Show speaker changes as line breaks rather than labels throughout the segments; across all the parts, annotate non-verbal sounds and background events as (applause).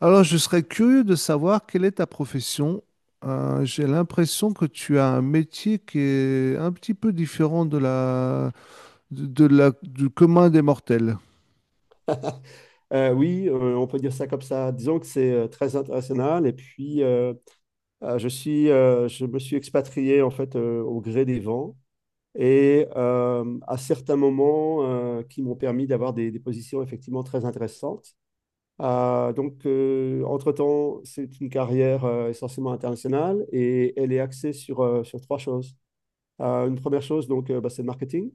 Alors, je serais curieux de savoir quelle est ta profession. J'ai l'impression que tu as un métier qui est un petit peu différent de la, du commun des mortels.
Oui, on peut dire ça comme ça. Disons que c'est très international. Et puis, je me suis expatrié en fait au gré des vents et à certains moments qui m'ont permis d'avoir des positions effectivement très intéressantes. Donc, entre-temps, c'est une carrière essentiellement internationale et elle est axée sur trois choses. Une première chose, donc, bah, c'est le marketing.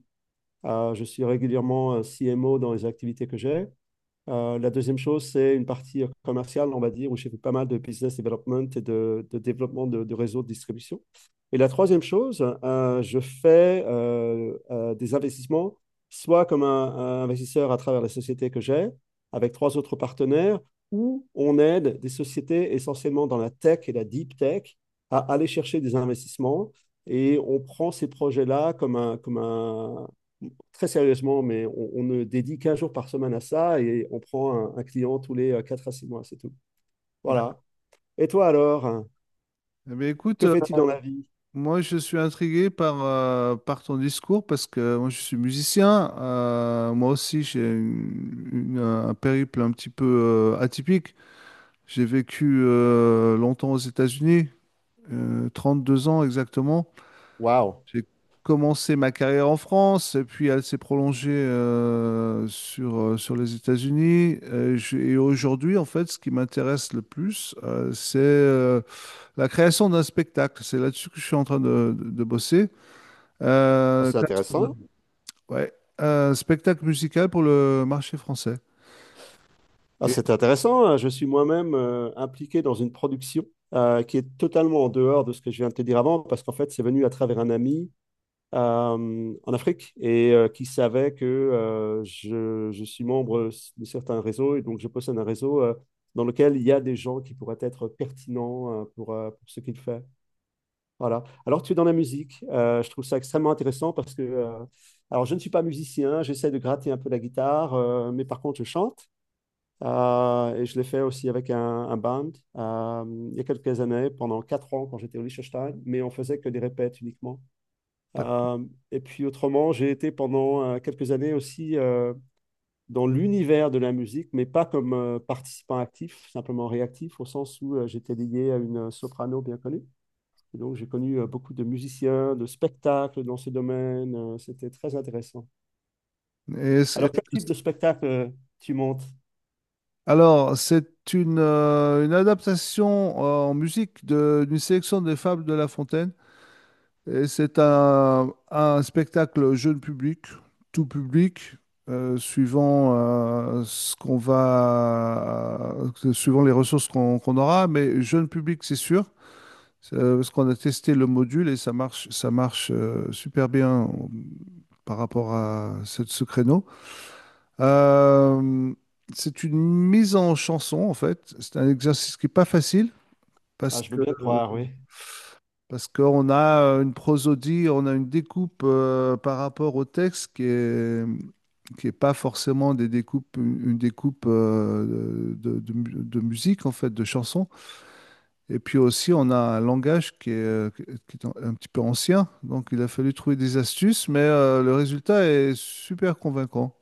Je suis régulièrement CMO dans les activités que j'ai. La deuxième chose, c'est une partie commerciale, on va dire, où j'ai fait pas mal de business development et de développement de réseaux de distribution. Et la troisième chose, je fais des investissements, soit comme un investisseur à travers la société que j'ai, avec trois autres partenaires, où on aide des sociétés essentiellement dans la tech et la deep tech à aller chercher des investissements. Et on prend ces projets-là très sérieusement, mais on ne dédie qu'un jour par semaine à ça et on prend un client tous les 4 à 6 mois, c'est tout. Voilà. Et toi alors, hein,
Eh bien, écoute,
que fais-tu dans la vie?
moi je suis intrigué par ton discours parce que moi je suis musicien. Moi aussi j'ai un périple un petit peu atypique. J'ai vécu longtemps aux États-Unis, euh, 2 ans exactement.
Waouh.
J'ai commencé ma carrière en France, et puis elle s'est prolongée sur les États-Unis. Et, aujourd'hui, en fait, ce qui m'intéresse le plus, c'est la création d'un spectacle. C'est là-dessus que je suis en train de bosser.
Ah,
Euh,
c'est
création
intéressant.
d'un- ouais, un spectacle musical pour le marché français.
Ah,
Et,
c'est intéressant, hein. Je suis moi-même impliqué dans une production qui est totalement en dehors de ce que je viens de te dire avant, parce qu'en fait, c'est venu à travers un ami en Afrique et qui savait que je suis membre de certains réseaux, et donc je possède un réseau dans lequel il y a des gens qui pourraient être pertinents pour ce qu'il fait. Voilà. Alors tu es dans la musique. Je trouve ça extrêmement intéressant parce que, alors je ne suis pas musicien, j'essaie de gratter un peu la guitare, mais par contre je chante. Et je l'ai fait aussi avec un band, euh, il y a quelques années, pendant 4 ans quand j'étais au Liechtenstein, mais on faisait que des répètes uniquement.
d'accord.
Euh, et puis autrement, j'ai été pendant quelques années aussi, dans l'univers de la musique, mais pas comme participant actif, simplement réactif, au sens où j'étais lié à une soprano bien connue. Et donc j'ai connu beaucoup de musiciens, de spectacles dans ce domaine. C'était très intéressant.
Et
Alors quel type de spectacle tu montes?
alors, c'est une adaptation en musique d'une sélection des fables de La Fontaine. Et c'est un spectacle jeune public, tout public, suivant suivant les ressources qu'on aura, mais jeune public, c'est sûr, parce qu'on a testé le module et ça marche super bien par rapport à ce créneau. Euh, c'est une mise en chanson, en fait. C'est un exercice qui n'est pas facile
Ah,
parce
je veux
que
bien te
euh,
croire, oui.
parce qu'on a une prosodie, on a une découpe par rapport au texte qui est pas forcément des découpes, une découpe de musique, en fait, de chansons. Et puis aussi, on a un langage qui est un petit peu ancien. Donc, il a fallu trouver des astuces, mais le résultat est super convaincant.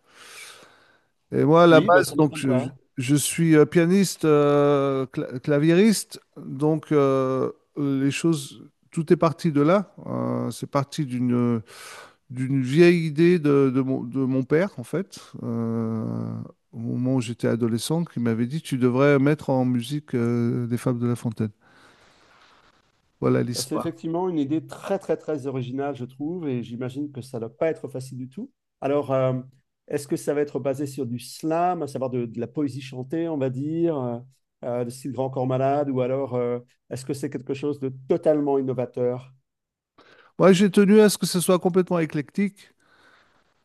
Et moi, à la
Oui, bah,
base,
ça ne
donc,
m'étonne
je, je-
pas.
je suis pianiste, claviériste, donc tout est parti de là. C'est parti d'une vieille idée de mon père, en fait, au moment où j'étais adolescent, qui m'avait dit, tu devrais mettre en musique des Fables de La Fontaine. Voilà
Bah, c'est
l'histoire.
effectivement une idée très, très, très originale, je trouve, et j'imagine que ça ne doit pas être facile du tout. Alors, est-ce que ça va être basé sur du slam, à savoir de la poésie chantée, on va dire, de style Grand Corps Malade, ou alors est-ce que c'est quelque chose de totalement innovateur?
Moi, j'ai tenu à ce que ce soit complètement éclectique.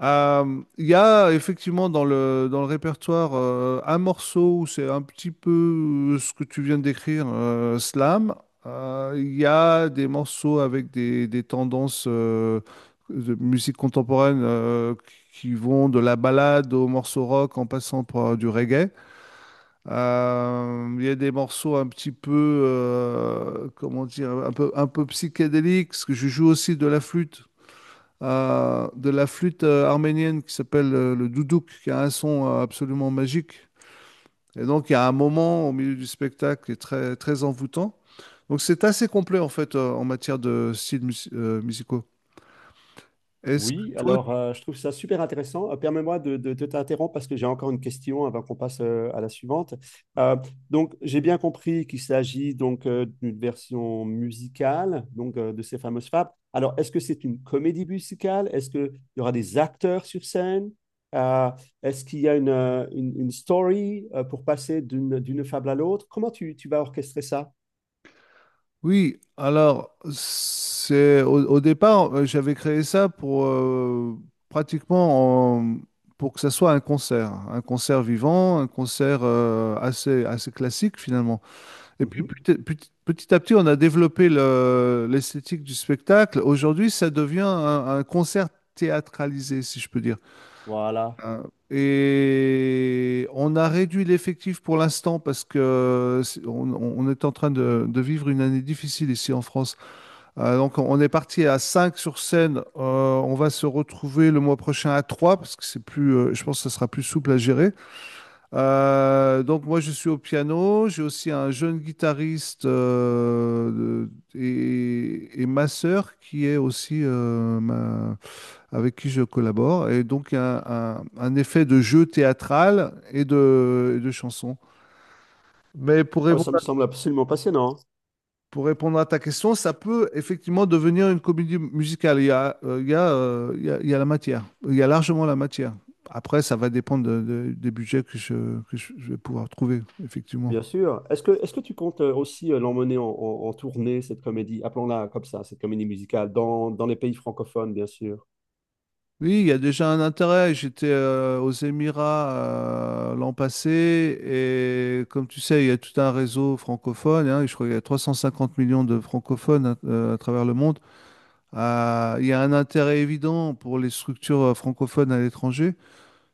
Il y a effectivement dans le répertoire un morceau où c'est un petit peu ce que tu viens de décrire, slam. Il y a des morceaux avec des tendances de musique contemporaine qui vont de la ballade au morceau rock en passant par du reggae. Il y a des morceaux un petit peu, comment dire, un peu psychédéliques, parce que je joue aussi de la flûte arménienne qui s'appelle le doudouk, qui a un son absolument magique. Et donc, il y a un moment au milieu du spectacle qui est très, très envoûtant. Donc, c'est assez complet, en fait, en matière de styles musicaux. Est-ce que
Oui,
toi...
alors je trouve ça super intéressant. Permets-moi de t'interrompre parce que j'ai encore une question avant qu'on passe à la suivante. Euh, donc, j'ai bien compris qu'il s'agit donc d'une version musicale donc de ces fameuses fables. Alors, est-ce que c'est une comédie musicale? Est-ce qu'il y aura des acteurs sur scène? Euh, Est-ce qu'il y a une story pour passer d'une fable à l'autre? Comment tu vas orchestrer ça?
Oui, alors, c'est au départ, j'avais créé ça pour pratiquement en- pour que ça soit un concert vivant, un concert assez, assez classique, finalement. Et puis
Mhm.
petit à petit, on a développé l'esthétique du spectacle. Aujourd'hui, ça devient un concert théâtralisé, si je peux dire.
Voilà.
Euh, Et on a réduit l'effectif pour l'instant parce que on est en train de vivre une année difficile ici en France. Donc on est parti à 5 sur scène. On va se retrouver le mois prochain à 3 parce que je pense que ça sera plus souple à gérer. Donc moi je suis au piano, j'ai aussi un jeune guitariste et ma sœur qui est aussi avec qui je collabore. Et donc il y a un effet de jeu théâtral et de chanson. Mais
Ah, ça me semble absolument passionnant.
pour répondre à ta question, ça peut effectivement devenir une comédie musicale. Il y a, il y a, il y a- Il y a la matière, il y a largement la matière. Après, ça va dépendre des budgets que je vais pouvoir trouver, effectivement.
Bien sûr. Est-ce que tu comptes aussi l'emmener en tournée, cette comédie, appelons-la comme ça, cette comédie musicale, dans les pays francophones, bien sûr.
Oui, il y a déjà un intérêt. J'étais aux Émirats l'an passé et comme tu sais, il y a tout un réseau francophone. Hein, et je crois qu'il y a 350 millions de francophones à travers le monde. Il y a un intérêt évident pour les structures francophones à l'étranger,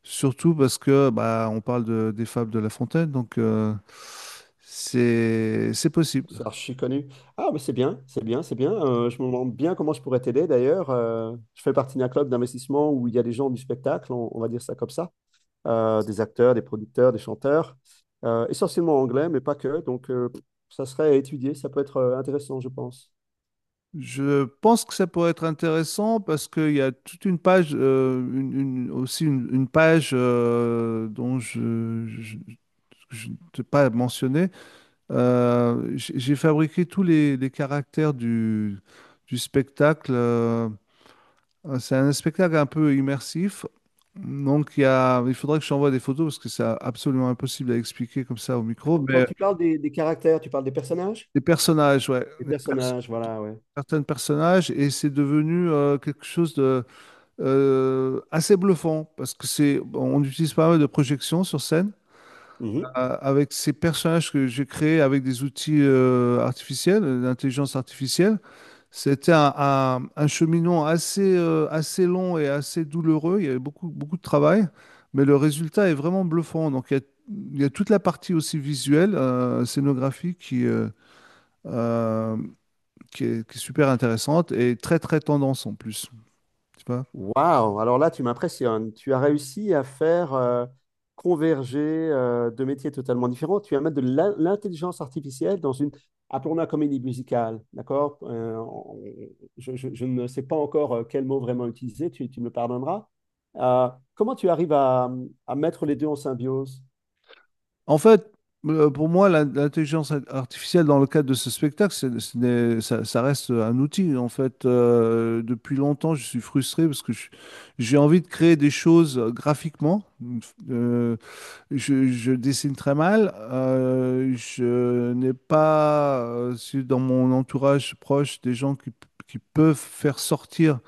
surtout parce que bah, on parle des fables de La Fontaine, donc c'est possible.
C'est archi connu. Ah, mais c'est bien, c'est bien, c'est bien. Je me demande bien comment je pourrais t'aider d'ailleurs. Je fais partie d'un club d'investissement où il y a des gens du spectacle, on va dire ça comme ça. Des acteurs, des producteurs, des chanteurs, essentiellement anglais, mais pas que. Donc, ça serait à étudier, ça peut être intéressant, je pense.
Je pense que ça pourrait être intéressant parce qu'il y a toute une page, une- aussi une page dont je ne t'ai pas mentionné. J'ai fabriqué tous les caractères du spectacle. C'est un spectacle un peu immersif. Donc il faudrait que je t'envoie des photos parce que c'est absolument impossible à expliquer comme ça au micro.
Quand
Mais
tu parles des caractères, tu parles des personnages?
les personnages, ouais,
Des personnages, voilà, ouais.
certains personnages et c'est devenu quelque chose de assez bluffant parce que c'est, bon, on utilise pas mal de projections sur scène avec ces personnages que j'ai créés avec des outils artificiels, d'intelligence artificielle. C'était un cheminement assez long et assez douloureux. Il y avait beaucoup, beaucoup de travail, mais le résultat est vraiment bluffant. Donc il y a toute la partie aussi visuelle, scénographique euh, qui est super intéressante et très très tendance en plus. Tu vois.
Waouh! Alors là, tu m'impressionnes. Tu as réussi à faire converger deux métiers totalement différents. Tu vas mettre de l'intelligence artificielle dans une, appelons-la comédie musicale, d'accord? Je ne sais pas encore quel mot vraiment utiliser, tu me le pardonneras. Euh, Comment tu arrives à mettre les deux en symbiose?
En fait, pour moi, l'intelligence artificielle dans le cadre de ce spectacle, c'est- ce n'est- ça reste un outil. En fait, depuis longtemps, je suis frustré parce que j'ai envie de créer des choses graphiquement. Euh, je dessine très mal. Je n'ai pas dans mon entourage proche des gens qui peuvent faire sortir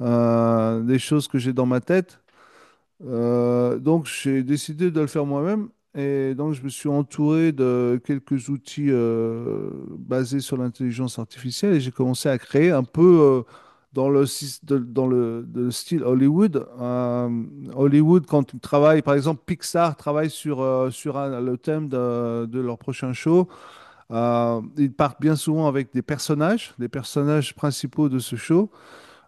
des choses que j'ai dans ma tête. J'ai décidé de le faire moi-même et donc je me suis entouré de quelques outils basés sur l'intelligence artificielle et j'ai commencé à créer un peu dans le, sys- de- dans le, de style Hollywood. Hollywood, quand ils travaillent, par exemple, Pixar travaille sur le thème de leur prochain show. Ils partent bien souvent avec des personnages principaux de ce show.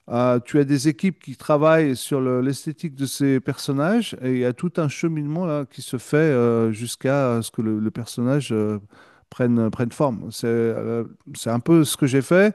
Tu as des équipes qui travaillent sur l'esthétique de ces personnages et il y a tout un cheminement là qui se fait jusqu'à ce que le personnage prenne forme. C'est un peu ce que j'ai fait,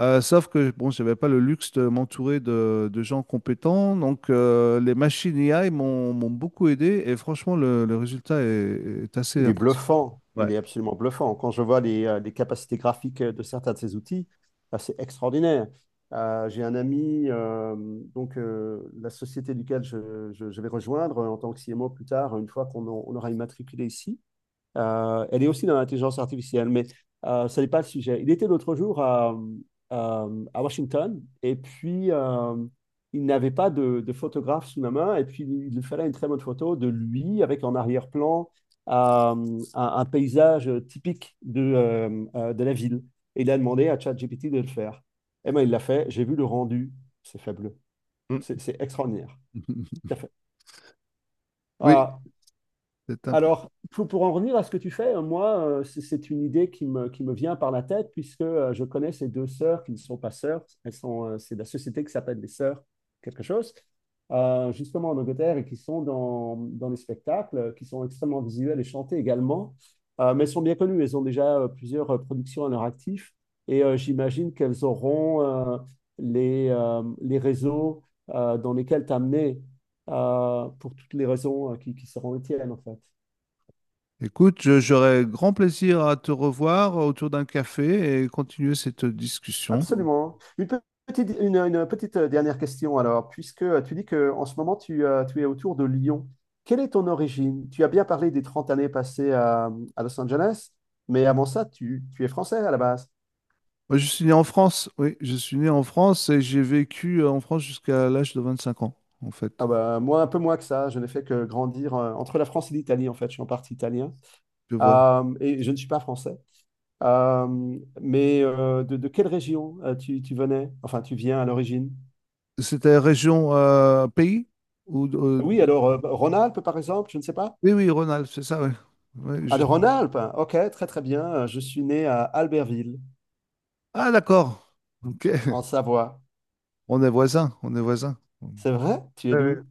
sauf que bon, j'avais pas le luxe de m'entourer de gens compétents, donc les machines AI m'ont beaucoup aidé et franchement le résultat est assez
Il est
impressionnant.
bluffant, il
Ouais.
est absolument bluffant. Quand je vois les capacités graphiques de certains de ces outils, c'est extraordinaire. J'ai un ami, donc la société duquel je vais rejoindre en tant que CMO plus tard, une fois on aura immatriculé ici, elle est aussi dans l'intelligence artificielle, mais ce n'est pas le sujet. Il était l'autre jour à- à Washington et puis il n'avait pas de photographe sous la main et puis il lui fallait une très bonne photo de lui avec en arrière-plan un paysage typique de la ville. Et il a demandé à ChatGPT de le faire. Et ben il l'a fait. J'ai vu le rendu. C'est fabuleux. C'est extraordinaire. Tout
(laughs)
à fait.
Oui,
Ah.
c'est impressionnant.
Alors, pour en revenir à ce que tu fais, moi, c'est une idée qui me vient par la tête, puisque je connais ces deux sœurs qui ne sont pas sœurs. C'est de la société qui s'appelle les sœurs quelque chose, justement en Angleterre, et qui sont dans les spectacles, qui sont extrêmement visuels et chantés également. Mais elles sont bien connues, elles ont déjà plusieurs productions à leur actif, et j'imagine qu'elles auront les réseaux dans lesquels t'amener pour toutes les raisons qui seront les tiennes, en fait.
Écoute, j'aurais grand plaisir à te revoir autour d'un café et continuer cette discussion.
Absolument. Une petite dernière question alors, puisque tu dis que en ce moment tu es autour de Lyon, quelle est ton origine? Tu as bien parlé des 30 années passées à Los Angeles, mais avant ça, tu es français à la base.
Moi, je suis né en France, oui, je suis né en France et j'ai vécu en France jusqu'à l'âge de 25 ans, en fait.
Ah bah, moi, un peu moins que ça, je n'ai fait que grandir entre la France et l'Italie en fait, je suis en partie italien.
Tu vois.
Et je ne suis pas français. Mais de quelle région tu venais? Enfin, tu viens à l'origine?
C'était région, pays? Ou, euh,
Oui, alors Rhône-Alpes par exemple, je ne sais pas.
oui, oui, Rhône-Alpes, c'est ça, oui. Oui,
Ah, de Rhône-Alpes? Hein. Ok, très très bien. Je suis né à Albertville,
ah, d'accord, ok.
en Savoie.
On est voisins, on est voisins.
C'est vrai? Tu es
Ouais, ouais.
d'où?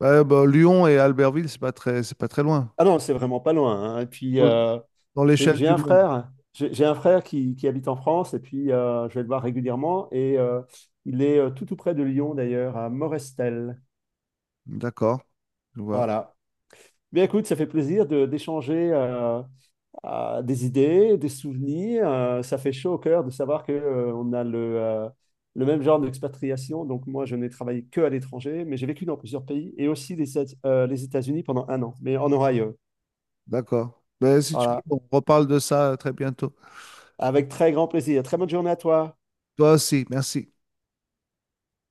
Ouais, bah, Lyon et Albertville, c'est pas très loin.
Ah non, c'est vraiment pas loin, hein. Et puis,
Dans dans l'échelle
j'ai
du
un
monde.
frère. J'ai un frère qui habite en France et puis je vais le voir régulièrement. Et il est tout tout près de Lyon, d'ailleurs, à Morestel.
D'accord, je vois.
Voilà. Bien, écoute, ça fait plaisir de d'échanger des idées, des souvenirs. Ça fait chaud au cœur de savoir on a le même genre d'expatriation. Donc moi, je n'ai travaillé que à l'étranger, mais j'ai vécu dans plusieurs pays et aussi les États-Unis pendant un an, mais en Ohio.
D'accord. Ben, si tu veux,
Voilà,
on reparle de ça très bientôt.
avec très grand plaisir. Très bonne journée à toi.
Toi aussi, merci.